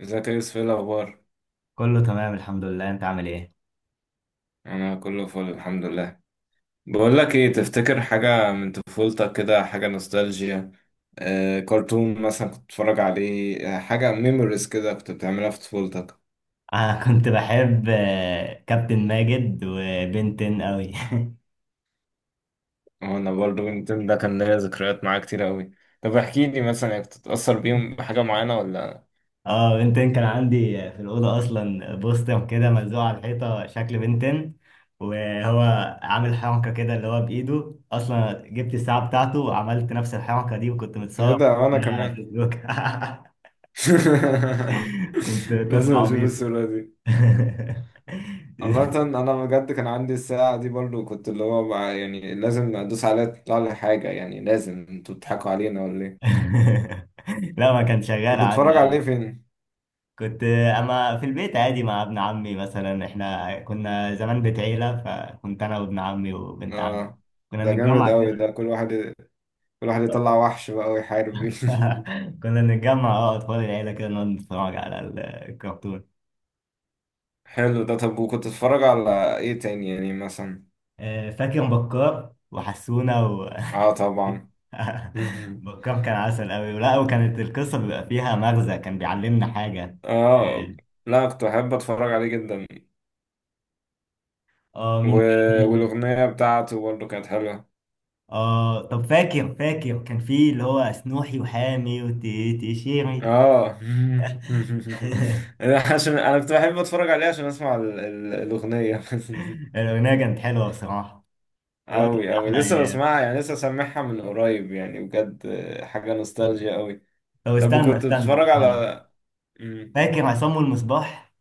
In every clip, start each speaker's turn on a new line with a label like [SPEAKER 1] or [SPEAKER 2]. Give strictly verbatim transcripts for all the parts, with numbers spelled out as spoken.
[SPEAKER 1] ازيك يا يوسف؟ ايه الاخبار؟
[SPEAKER 2] كله تمام، الحمد لله. انت عامل ايه؟
[SPEAKER 1] انا كله فل الحمد لله. بقول لك ايه، تفتكر حاجه من طفولتك كده، حاجه نوستالجيا؟ آه كرتون مثلا كنت بتتفرج عليه، آه، حاجه ميموريز كده كنت بتعملها في طفولتك؟
[SPEAKER 2] انا كنت بحب آه، كابتن ماجد وبنتين قوي
[SPEAKER 1] وانا برضو يمكن ده كان ليا ذكريات معاه كتير قوي. طب احكي لي، مثلا كنت تتاثر بيهم بحاجه معينه ولا؟
[SPEAKER 2] اه، بنتين كان عندي. في الاوضه اصلا بوستر كده ملزوق على الحيطه شكل بنتين، وهو عامل حركه كده اللي هو بايده. اصلا جبت الساعه بتاعته وعملت نفس الحركه دي وكنت
[SPEAKER 1] ايه
[SPEAKER 2] متصور
[SPEAKER 1] ده، وانا
[SPEAKER 2] على
[SPEAKER 1] كمان!
[SPEAKER 2] فيسبوك. كنت طفل
[SPEAKER 1] لازم اشوف
[SPEAKER 2] عبيط.
[SPEAKER 1] الصوره دي. عامة أنا بجد كان عندي الساعة دي برضو، كنت اللي هو بقى يعني لازم أدوس عليها تطلع لي حاجة، يعني لازم. أنتوا بتضحكوا علينا ولا إيه؟
[SPEAKER 2] لا، ما كان شغال
[SPEAKER 1] كنت
[SPEAKER 2] عندي.
[SPEAKER 1] بتتفرج عليه فين؟
[SPEAKER 2] كنت اما في البيت عادي مع ابن عمي مثلا، احنا كنا زمان بيت عيلة، فكنت انا وابن عمي وبنت عمي
[SPEAKER 1] آه،
[SPEAKER 2] كنا
[SPEAKER 1] ده جامد
[SPEAKER 2] نتجمع
[SPEAKER 1] أوي،
[SPEAKER 2] كده.
[SPEAKER 1] ده كل واحد كل واحد يطلع وحش بقى ويحارب بيه.
[SPEAKER 2] كنا نتجمع، اه اطفال العيلة كده نقعد نتفرج على ال- الكرتون.
[SPEAKER 1] حلو ده. طب وكنت بتتفرج على إيه تاني يعني مثلا؟
[SPEAKER 2] آه، فاكر بكار وحسونة و...
[SPEAKER 1] آه طبعا.
[SPEAKER 2] بكار كان عسل قوي، ولا، وكانت القصة بيبقى فيها مغزى، كان بيعلمنا حاجة.
[SPEAKER 1] آه، لا كنت بحب أتفرج عليه جدا.
[SPEAKER 2] اه، آه،
[SPEAKER 1] و...
[SPEAKER 2] مين تاني؟
[SPEAKER 1] والأغنية بتاعته برضو كانت حلوة.
[SPEAKER 2] اه، طب، فاكر فاكر كان في اللي هو سنوحي وحامي وتيشيري.
[SPEAKER 1] اه انا عشان انا كنت بحب اتفرج عليه عشان اسمع ال- ال- الاغنيه.
[SPEAKER 2] الأغنية كانت حلوة بصراحة. والله كانت
[SPEAKER 1] أوي أوي،
[SPEAKER 2] أحلى
[SPEAKER 1] لسه
[SPEAKER 2] أيام.
[SPEAKER 1] بسمعها، يعني لسه سامعها من قريب يعني بجد. حاجة نوستالجيا أوي.
[SPEAKER 2] طب
[SPEAKER 1] طب
[SPEAKER 2] استنى
[SPEAKER 1] وكنت
[SPEAKER 2] استنى
[SPEAKER 1] بتتفرج
[SPEAKER 2] استنى.
[SPEAKER 1] على مم.
[SPEAKER 2] فاكر عصام والمصباح؟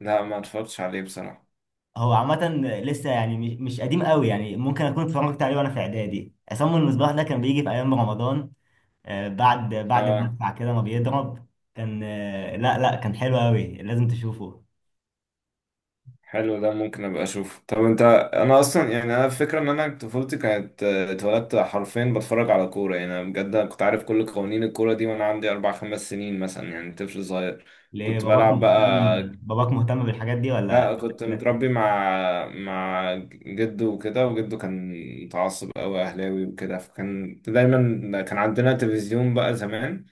[SPEAKER 1] لا ما اتفرجتش عليه بصراحة.
[SPEAKER 2] هو عامة لسه، يعني مش مش قديم قوي، يعني ممكن أكون اتفرجت عليه وأنا في إعدادي. عصام والمصباح ده كان بيجي في أيام رمضان، آه، بعد بعد
[SPEAKER 1] اه،
[SPEAKER 2] المدفع كده ما بيضرب. كان، آه، لا لا، كان حلو قوي، لازم تشوفه.
[SPEAKER 1] حلو ده، ممكن أبقى أشوفه. طب أنت، أنا أصلا يعني أنا الفكرة إن أنا طفولتي كانت، آه، اتولدت حرفيا بتفرج على كورة، يعني أنا بجد أنا كنت عارف كل قوانين الكورة دي وأنا عندي أربع خمس سنين مثلا، يعني طفل صغير.
[SPEAKER 2] ليه؟
[SPEAKER 1] كنت
[SPEAKER 2] باباك
[SPEAKER 1] بلعب
[SPEAKER 2] مهتم
[SPEAKER 1] بقى.
[SPEAKER 2] باباك مهتم بالحاجات دي ولا؟
[SPEAKER 1] لا كنت
[SPEAKER 2] لا.
[SPEAKER 1] متربي مع مع جده وكده، وجده كان متعصب قوي اهلاوي وكده، فكان دايما كان عندنا تلفزيون بقى زمان.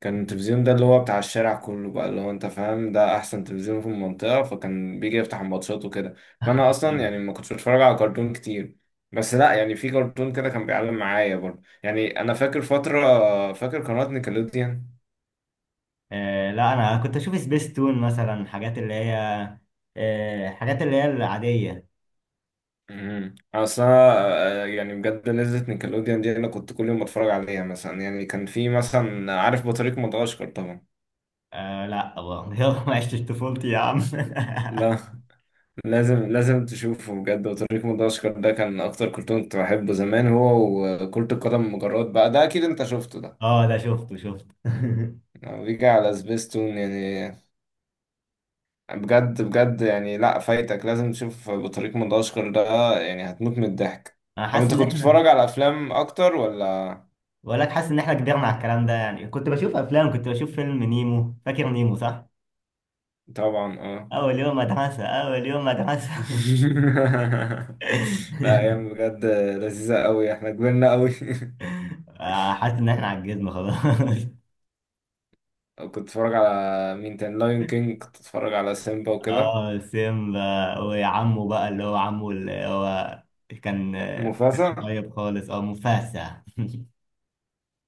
[SPEAKER 1] كان التلفزيون ده اللي هو بتاع الشارع كله بقى، اللي هو انت فاهم ده احسن تلفزيون في المنطقة، فكان بيجي يفتح الماتشات وكده. فانا اصلا يعني ما كنتش بتفرج على كرتون كتير. بس لا يعني في كرتون كده كان بيعلم معايا برضه، يعني انا فاكر فترة، فاكر قناة نيكلوديان.
[SPEAKER 2] آه لا، انا كنت اشوف سبيس تون مثلا، حاجات اللي هي آه حاجات اللي هي العادية.
[SPEAKER 1] امم اصل انا، آه، يعني بجد لذة نيكلوديان دي انا كنت كل يوم بتفرج عليها مثلا، يعني كان في مثلا، عارف بطريق مدغشقر طبعا؟
[SPEAKER 2] آه لا والله يلا ما عشتش طفولتي يا عم.
[SPEAKER 1] لا لازم لازم تشوفه بجد، بطريق مدغشقر ده كان اكتر كرتون كنت بحبه زمان هو، وكرة القدم مجرات بقى ده اكيد انت شفته ده،
[SPEAKER 2] اه، ده شفته شفته.
[SPEAKER 1] لما بيجي على سبيستون يعني. بجد بجد يعني، لا فايتك، لازم تشوف بطريق مدغشقر ده، يعني هتموت من الضحك.
[SPEAKER 2] انا
[SPEAKER 1] طب
[SPEAKER 2] حاسس
[SPEAKER 1] انت
[SPEAKER 2] ان
[SPEAKER 1] كنت
[SPEAKER 2] احنا
[SPEAKER 1] بتتفرج على افلام اكتر ولا؟
[SPEAKER 2] بقول لك حاسس ان احنا كبرنا على الكلام ده. يعني كنت بشوف افلام، كنت بشوف فيلم نيمو. فاكر نيمو صح؟
[SPEAKER 1] طبعا اه.
[SPEAKER 2] اول يوم مدرسة، اول يوم مدرسة.
[SPEAKER 1] لا، ايام بجد لذيذه قوي، احنا كبرنا قوي.
[SPEAKER 2] آه، حاسس ان احنا عجزنا خلاص.
[SPEAKER 1] كنت اتفرج على مين تاني؟ لايون كينج، كنت اتفرج على سيمبا وكده.
[SPEAKER 2] اه، سيمبا. وعمه بقى، اللي هو عمه اللي هو كان، ما كانش
[SPEAKER 1] مفاسا
[SPEAKER 2] طيب خالص، اه مفاسة.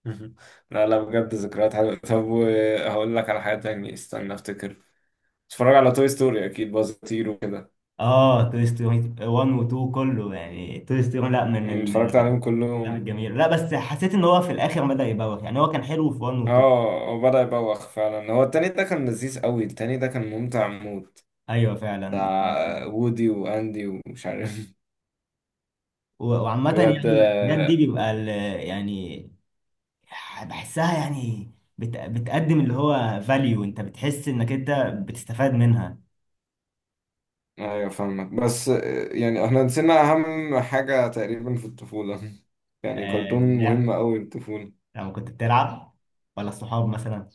[SPEAKER 1] لا لا بجد ذكريات حلوه. طب هقول لك على حاجه تانية، استنى افتكر. اتفرج على توي ستوري اكيد، بازطير وكده.
[SPEAKER 2] اه، توي ستوري واحد و اتنين كله، يعني توي ستوري لا من
[SPEAKER 1] يعني اتفرجت
[SPEAKER 2] الافلام
[SPEAKER 1] عليهم كلهم.
[SPEAKER 2] الجميله. لا بس حسيت ان هو في الاخر بدأ يبوخ، يعني هو كان حلو في واحد و اتنين.
[SPEAKER 1] اه، هو بدأ يبوخ فعلا، هو التاني ده كان لذيذ قوي، التاني ده كان ممتع موت،
[SPEAKER 2] ايوه فعلا.
[SPEAKER 1] بتاع وودي واندي ومش عارف.
[SPEAKER 2] و- وعامة
[SPEAKER 1] بجد.
[SPEAKER 2] يعني الحاجات دي بيبقى ال- يعني بحسها، يعني بت- بتقدم اللي هو فاليو. انت بتحس انك انت بتستفاد منها.
[SPEAKER 1] ايوه فاهمك، بس يعني احنا نسينا اهم حاجة تقريبا في الطفولة. يعني كرتون مهم قوي الطفولة.
[SPEAKER 2] لما كنت بتلعب ولا الصحاب مثلا.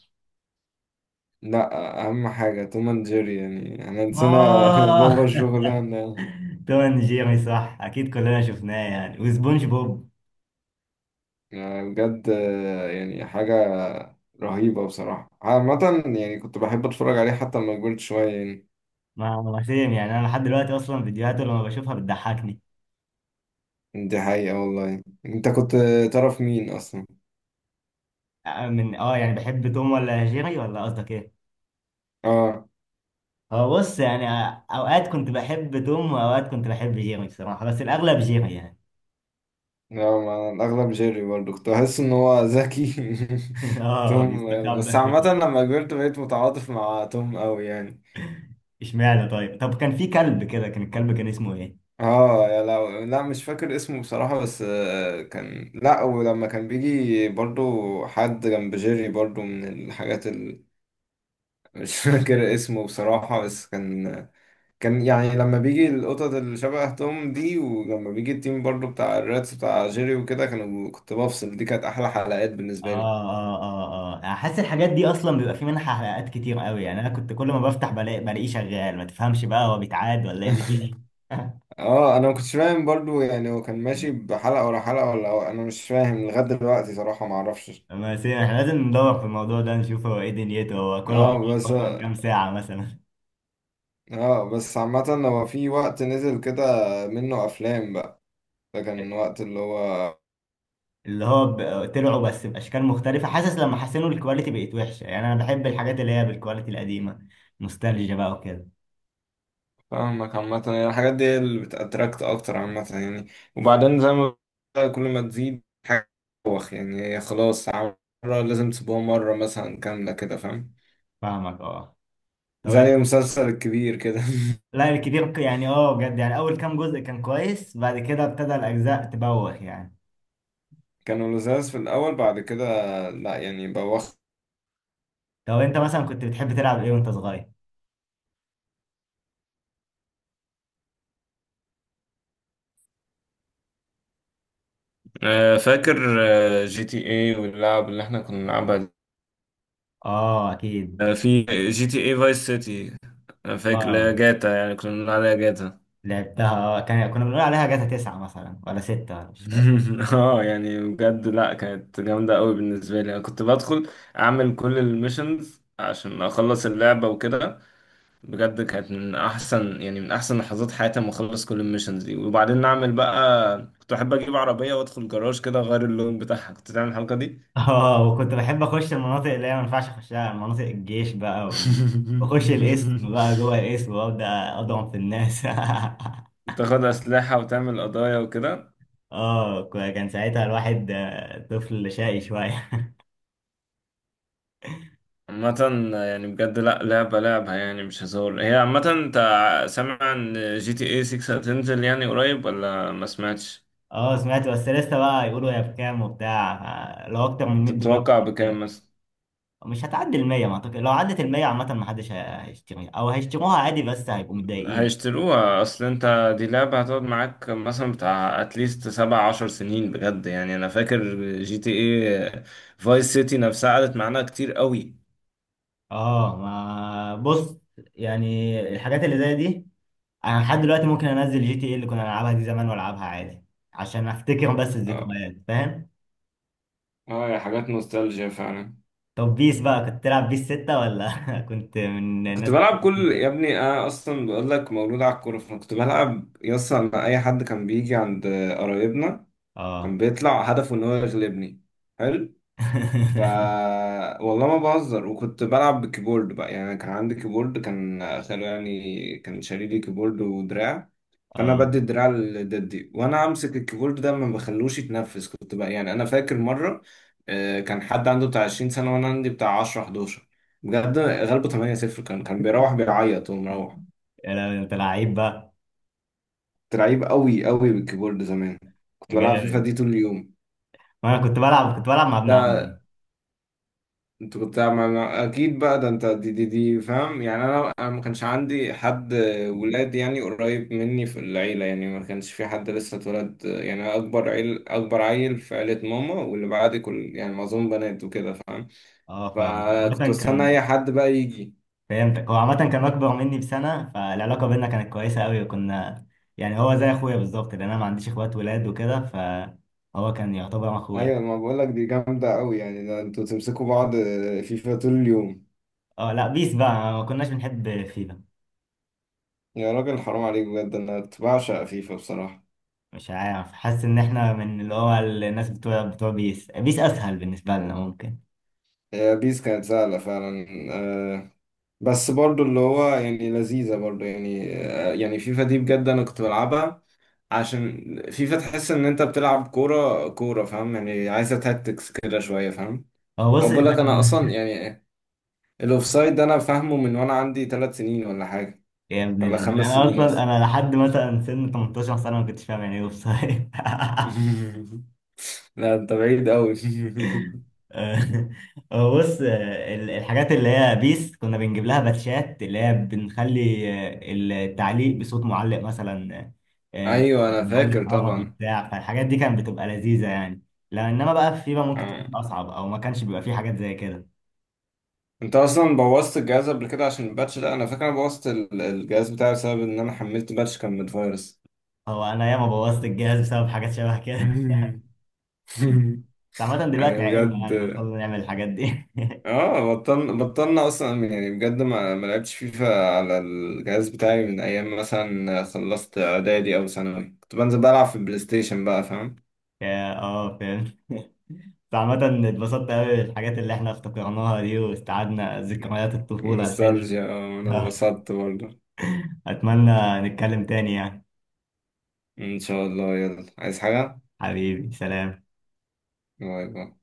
[SPEAKER 1] لا، اهم حاجة توم اند جيري، يعني احنا نسينا بابا
[SPEAKER 2] آه.
[SPEAKER 1] الشغلانة.
[SPEAKER 2] توم اند جيري صح، اكيد كلنا شفناه يعني، وسبونج بوب.
[SPEAKER 1] يعني بجد، يعني حاجة رهيبة بصراحة عامة، يعني كنت بحب اتفرج عليه حتى لما كبرت شوية يعني.
[SPEAKER 2] ما ما سيم، يعني انا لحد دلوقتي اصلا فيديوهاته لما بشوفها بتضحكني.
[SPEAKER 1] دي حقيقة والله. انت كنت تعرف مين اصلا؟
[SPEAKER 2] آه، من اه يعني بحب توم ولا جيري؟ ولا قصدك ايه؟
[SPEAKER 1] اه.
[SPEAKER 2] هو بص، يعني آه، اوقات كنت بحب توم واوقات كنت بحب جيري بصراحة، بس الاغلب جيري يعني.
[SPEAKER 1] لا، ما الأغلب جيري، برضه كنت بحس إن هو ذكي.
[SPEAKER 2] اه،
[SPEAKER 1] توم. بس
[SPEAKER 2] بيستخبى
[SPEAKER 1] عامة
[SPEAKER 2] كده.
[SPEAKER 1] لما كبرت بقيت متعاطف مع توم أوي يعني.
[SPEAKER 2] اشمعنى؟ طيب طب كان في كلب كده، كان الكلب كان اسمه ايه؟
[SPEAKER 1] اه يا لو، لا مش فاكر اسمه بصراحة، بس آه، كان، لا ولما كان بيجي برضو حد جنب جيري برضو من الحاجات ال... مش فاكر اسمه بصراحة، بس كان، كان يعني لما بيجي القطط اللي شبه توم دي، ولما بيجي التيم برضو بتاع الراتس بتاع جيري وكده، كانوا، كنت بفصل، دي كانت أحلى حلقات بالنسبة لي.
[SPEAKER 2] اه اه اه اه، احس الحاجات دي اصلا بيبقى في منها حلقات كتير قوي، يعني انا كنت كل ما بفتح بلاقي بلاقيه شغال. ما تفهمش بقى، هو بيتعاد ولا ايه اللي- فيه.
[SPEAKER 1] اه انا ما كنتش فاهم برضو يعني، هو كان ماشي بحلقة ورا حلقة ولا هو-، انا مش فاهم لغاية دلوقتي صراحة ما اعرفش.
[SPEAKER 2] بس يعني احنا لازم ندور في الموضوع ده نشوف هو ايه دنيته، هو كله اه
[SPEAKER 1] اه
[SPEAKER 2] عبارة.
[SPEAKER 1] بس،
[SPEAKER 2] اصلا كام ساعة مثلا؟
[SPEAKER 1] اه بس عامة هو في وقت نزل كده منه افلام بقى، ده كان وقت اللي هو،
[SPEAKER 2] اللي هو ب- طلعوا بس باشكال مختلفة. حاسس لما حسنوا الكواليتي بقت وحشة، يعني انا بحب الحاجات اللي هي بالكواليتي القديمة، نوستالجيا بقى وكده.
[SPEAKER 1] فاهمك. عامة يعني الحاجات دي هي اللي بتأتراكت اكتر عامة يعني. وبعدين زي ما بقول، كل ما تزيد حاجة بتبوخ يعني، هي خلاص مرة لازم تسيبوها مرة مثلا كاملة كده، فاهم؟
[SPEAKER 2] فاهمك. اه، طب
[SPEAKER 1] زي
[SPEAKER 2] انت.
[SPEAKER 1] المسلسل الكبير كده.
[SPEAKER 2] لا الكبير ك- يعني، اه بجد، يعني اول كام جزء كان كويس، بعد كده ابتدى الاجزاء تبوخ يعني.
[SPEAKER 1] كانوا لزاز في الأول، بعد كده لا، يعني بوخ.
[SPEAKER 2] طب انت مثلا كنت بتحب تلعب ايه وانت صغير؟
[SPEAKER 1] آه، فاكر آه، جي تي اي واللعب اللي احنا كنا بنلعبها دي؟
[SPEAKER 2] اه اكيد.
[SPEAKER 1] آه، في جي تي اي فايس سيتي، انا فاكر،
[SPEAKER 2] اه
[SPEAKER 1] لا جاتا، يعني كنا بنلعب عليها جاتا.
[SPEAKER 2] لعبتها. اه، كان كنا بنقول عليها جاتا تسعة مثلا ولا ستة، ولا مش فاكر.
[SPEAKER 1] اه يعني بجد، لا كانت جامدة قوي بالنسبة لي، انا كنت بدخل اعمل كل الميشنز عشان اخلص اللعبة وكده. بجد كانت من احسن يعني، من احسن لحظات حياتي لما اخلص كل الميشنز دي. وبعدين نعمل بقى، كنت احب اجيب عربية وادخل جراج كده اغير اللون بتاعها، كنت تعمل الحركة دي.
[SPEAKER 2] اه، وكنت بحب اخش المناطق اللي هي ما ينفعش اخشها، مناطق الجيش بقى، و- واخش الاسم بقى جوه الاسم، وابدا اضرب في الناس.
[SPEAKER 1] تاخد أسلحة وتعمل قضايا وكده.
[SPEAKER 2] اه، ك- كان ساعتها الواحد آه، طفل شقي شوية.
[SPEAKER 1] عامة يعني بجد، لأ لعبة لعبة يعني مش هزار هي. عامة أنت سامع إن جي تي اي ستة هتنزل يعني قريب ولا ما سمعتش؟
[SPEAKER 2] اه سمعت، بس لسه بقى يقولوا هي بكام وبتاع. آه، لو اكتر من مية دولار.
[SPEAKER 1] تتوقع بكام مثلا؟
[SPEAKER 2] مش هتعدي المية ما أعتقد. لو عدت المية عامة، ما حدش هي- هيشتريها أو هيشتروها عادي، بس هيبقوا متضايقين.
[SPEAKER 1] هيشتروها، أصل أنت دي لعبة هتقعد معاك مثلا بتاع أتليست سبع عشر سنين بجد، يعني أنا فاكر جي تي اي فايس سيتي نفسها قعدت معانا كتير قوي.
[SPEAKER 2] اه، ما بص، يعني الحاجات اللي زي دي، أنا لحد دلوقتي ممكن أنزل جي تي إيه اللي كنا نلعبها دي زمان، وألعبها عادي عشان أفتكر. بس
[SPEAKER 1] اه،
[SPEAKER 2] الذكريات فاهم.
[SPEAKER 1] آه، يا حاجات نوستالجيا فعلا.
[SPEAKER 2] طب بيس بقى، كنت تلعب بيس ستة، ولا كنت من الناس
[SPEAKER 1] كنت
[SPEAKER 2] اللي
[SPEAKER 1] بلعب
[SPEAKER 2] بتلعب بيس
[SPEAKER 1] كل،
[SPEAKER 2] ده؟
[SPEAKER 1] يا ابني انا اصلا بقول لك مولود على الكوره، فانا كنت بلعب يصل مع اي حد كان بيجي عند قرايبنا، كان
[SPEAKER 2] اه.
[SPEAKER 1] بيطلع هدفه ان هو يغلبني. حلو. ف والله ما بهزر، وكنت بلعب بالكيبورد بقى، يعني كان عندي كيبورد كان خلو، يعني كان شاري لي كيبورد ودراع، فانا
[SPEAKER 2] اه،
[SPEAKER 1] بدي الدراع لددي وانا امسك الكيبورد ده، ما بخلوش يتنفس كنت بقى. يعني انا فاكر مره، آه، كان حد عنده بتاع عشرين سنه وانا عندي بتاع عشرة حداشر، بجد غلبه تمنية صفر، كان كان بيروح بيعيط ومروح.
[SPEAKER 2] يا لهوي، أنت لعيب بقى.
[SPEAKER 1] كنت لعيب قوي قوي بالكيبورد زمان، كنت بلعب فيفا
[SPEAKER 2] جامد.
[SPEAKER 1] دي طول اليوم.
[SPEAKER 2] وأنا كنت بلعب كنت بلعب مع ابن عمي.
[SPEAKER 1] ده انت كنت عمل... اكيد بقى ده انت دي دي دي فاهم يعني، انا انا ما كانش عندي حد ولاد يعني قريب مني في العيله، يعني ما كانش في حد لسه اتولد، يعني أنا اكبر عيل، اكبر عيل في عيله ماما، واللي بعدي كل يعني معظم بنات وكده فاهم؟
[SPEAKER 2] اه فاهم،
[SPEAKER 1] فكنت
[SPEAKER 2] عامة
[SPEAKER 1] بستنى
[SPEAKER 2] كان.
[SPEAKER 1] اي حد بقى يجي.
[SPEAKER 2] فهمتك. هو عامة كان أكبر مني بسنة، فالعلاقة بينا كانت كويسة أوي، وكنا، يعني هو زي أخويا بالظبط، لأن أنا ما عنديش إخوات ولاد وكده، فهو كان يعتبر أخويا.
[SPEAKER 1] ايوه ما بقول لك دي جامده قوي، يعني ده انتوا تمسكوا بعض فيفا طول اليوم.
[SPEAKER 2] أه لا، بيس بقى ما كناش بنحب فيفا.
[SPEAKER 1] يا راجل حرام عليك بجد، انا كنت بعشق فيفا بصراحه.
[SPEAKER 2] مش عارف، حاسس إن إحنا من اللي هو الناس بتوع بتوع بيس، بيس أسهل بالنسبة لنا ممكن.
[SPEAKER 1] هي بيس كانت سهله فعلا، آه، بس برضو اللي هو يعني لذيذة برضو يعني، آه، يعني فيفا دي بجد أنا كنت بلعبها عشان فيفا تحس إن أنت بتلعب كورة كورة فاهم، يعني عايزة تاكتكس كده شوية فاهم.
[SPEAKER 2] هو
[SPEAKER 1] أو
[SPEAKER 2] بص
[SPEAKER 1] بقول لك
[SPEAKER 2] إحنا
[SPEAKER 1] أنا أصلا
[SPEAKER 2] كنا-
[SPEAKER 1] يعني الأوفسايد ده أنا فاهمه من وأنا عندي ثلاث سنين ولا حاجة،
[SPEAKER 2] يا ابن
[SPEAKER 1] ولا
[SPEAKER 2] الذين!
[SPEAKER 1] خمس
[SPEAKER 2] أنا
[SPEAKER 1] سنين
[SPEAKER 2] أصلا
[SPEAKER 1] أصلا.
[SPEAKER 2] أنا لحد مثلا سن تمنتاشر سنة ما كنتش فاهم يعني إيه أوفسايد.
[SPEAKER 1] لا أنت بعيد أوي.
[SPEAKER 2] آه، هو بص، آه، ال- الحاجات اللي هي بيس كنا بنجيب لها باتشات اللي هي بنخلي آه، التعليق بصوت معلق مثلا. آه،
[SPEAKER 1] أيوه أنا
[SPEAKER 2] معلق
[SPEAKER 1] فاكر
[SPEAKER 2] عربي
[SPEAKER 1] طبعا.
[SPEAKER 2] بتاع، فالحاجات دي كانت بتبقى لذيذة يعني. لا انما بقى في فيفا ممكن تكون
[SPEAKER 1] آه.
[SPEAKER 2] اصعب او ما كانش بيبقى فيه حاجات زي كده.
[SPEAKER 1] أنت أصلا بوظت الجهاز قبل كده عشان الباتش ده، أنا فاكر أنا بوظت ال- الجهاز بتاعي بسبب إن أنا حملت باتش كان من فيروس.
[SPEAKER 2] هو انا ياما بوظت الجهاز بسبب حاجات شبه كده.
[SPEAKER 1] مم.
[SPEAKER 2] بس عامة دلوقتي
[SPEAKER 1] يعني
[SPEAKER 2] عقلنا،
[SPEAKER 1] بجد،
[SPEAKER 2] يعني بطلنا نعمل الحاجات دي.
[SPEAKER 1] اه بطلنا، بطلنا اصلا يعني بجد، ما ما لعبتش فيفا على الجهاز بتاعي من ايام مثلا خلصت اعدادي او ثانوي، كنت بنزل بلعب في البلاي ستيشن بقى فاهم.
[SPEAKER 2] يا- اه فاهم. بس عامة اتبسطت قوي بالحاجات اللي احنا افتكرناها دي، واستعدنا ذكريات الطفولة الحلوة.
[SPEAKER 1] نوستالجيا، آه، انا اتبسطت برضه.
[SPEAKER 2] أتمنى نتكلم تاني يعني.
[SPEAKER 1] ان شاء الله، يلا عايز حاجة؟
[SPEAKER 2] حبيبي، سلام.
[SPEAKER 1] باي باي.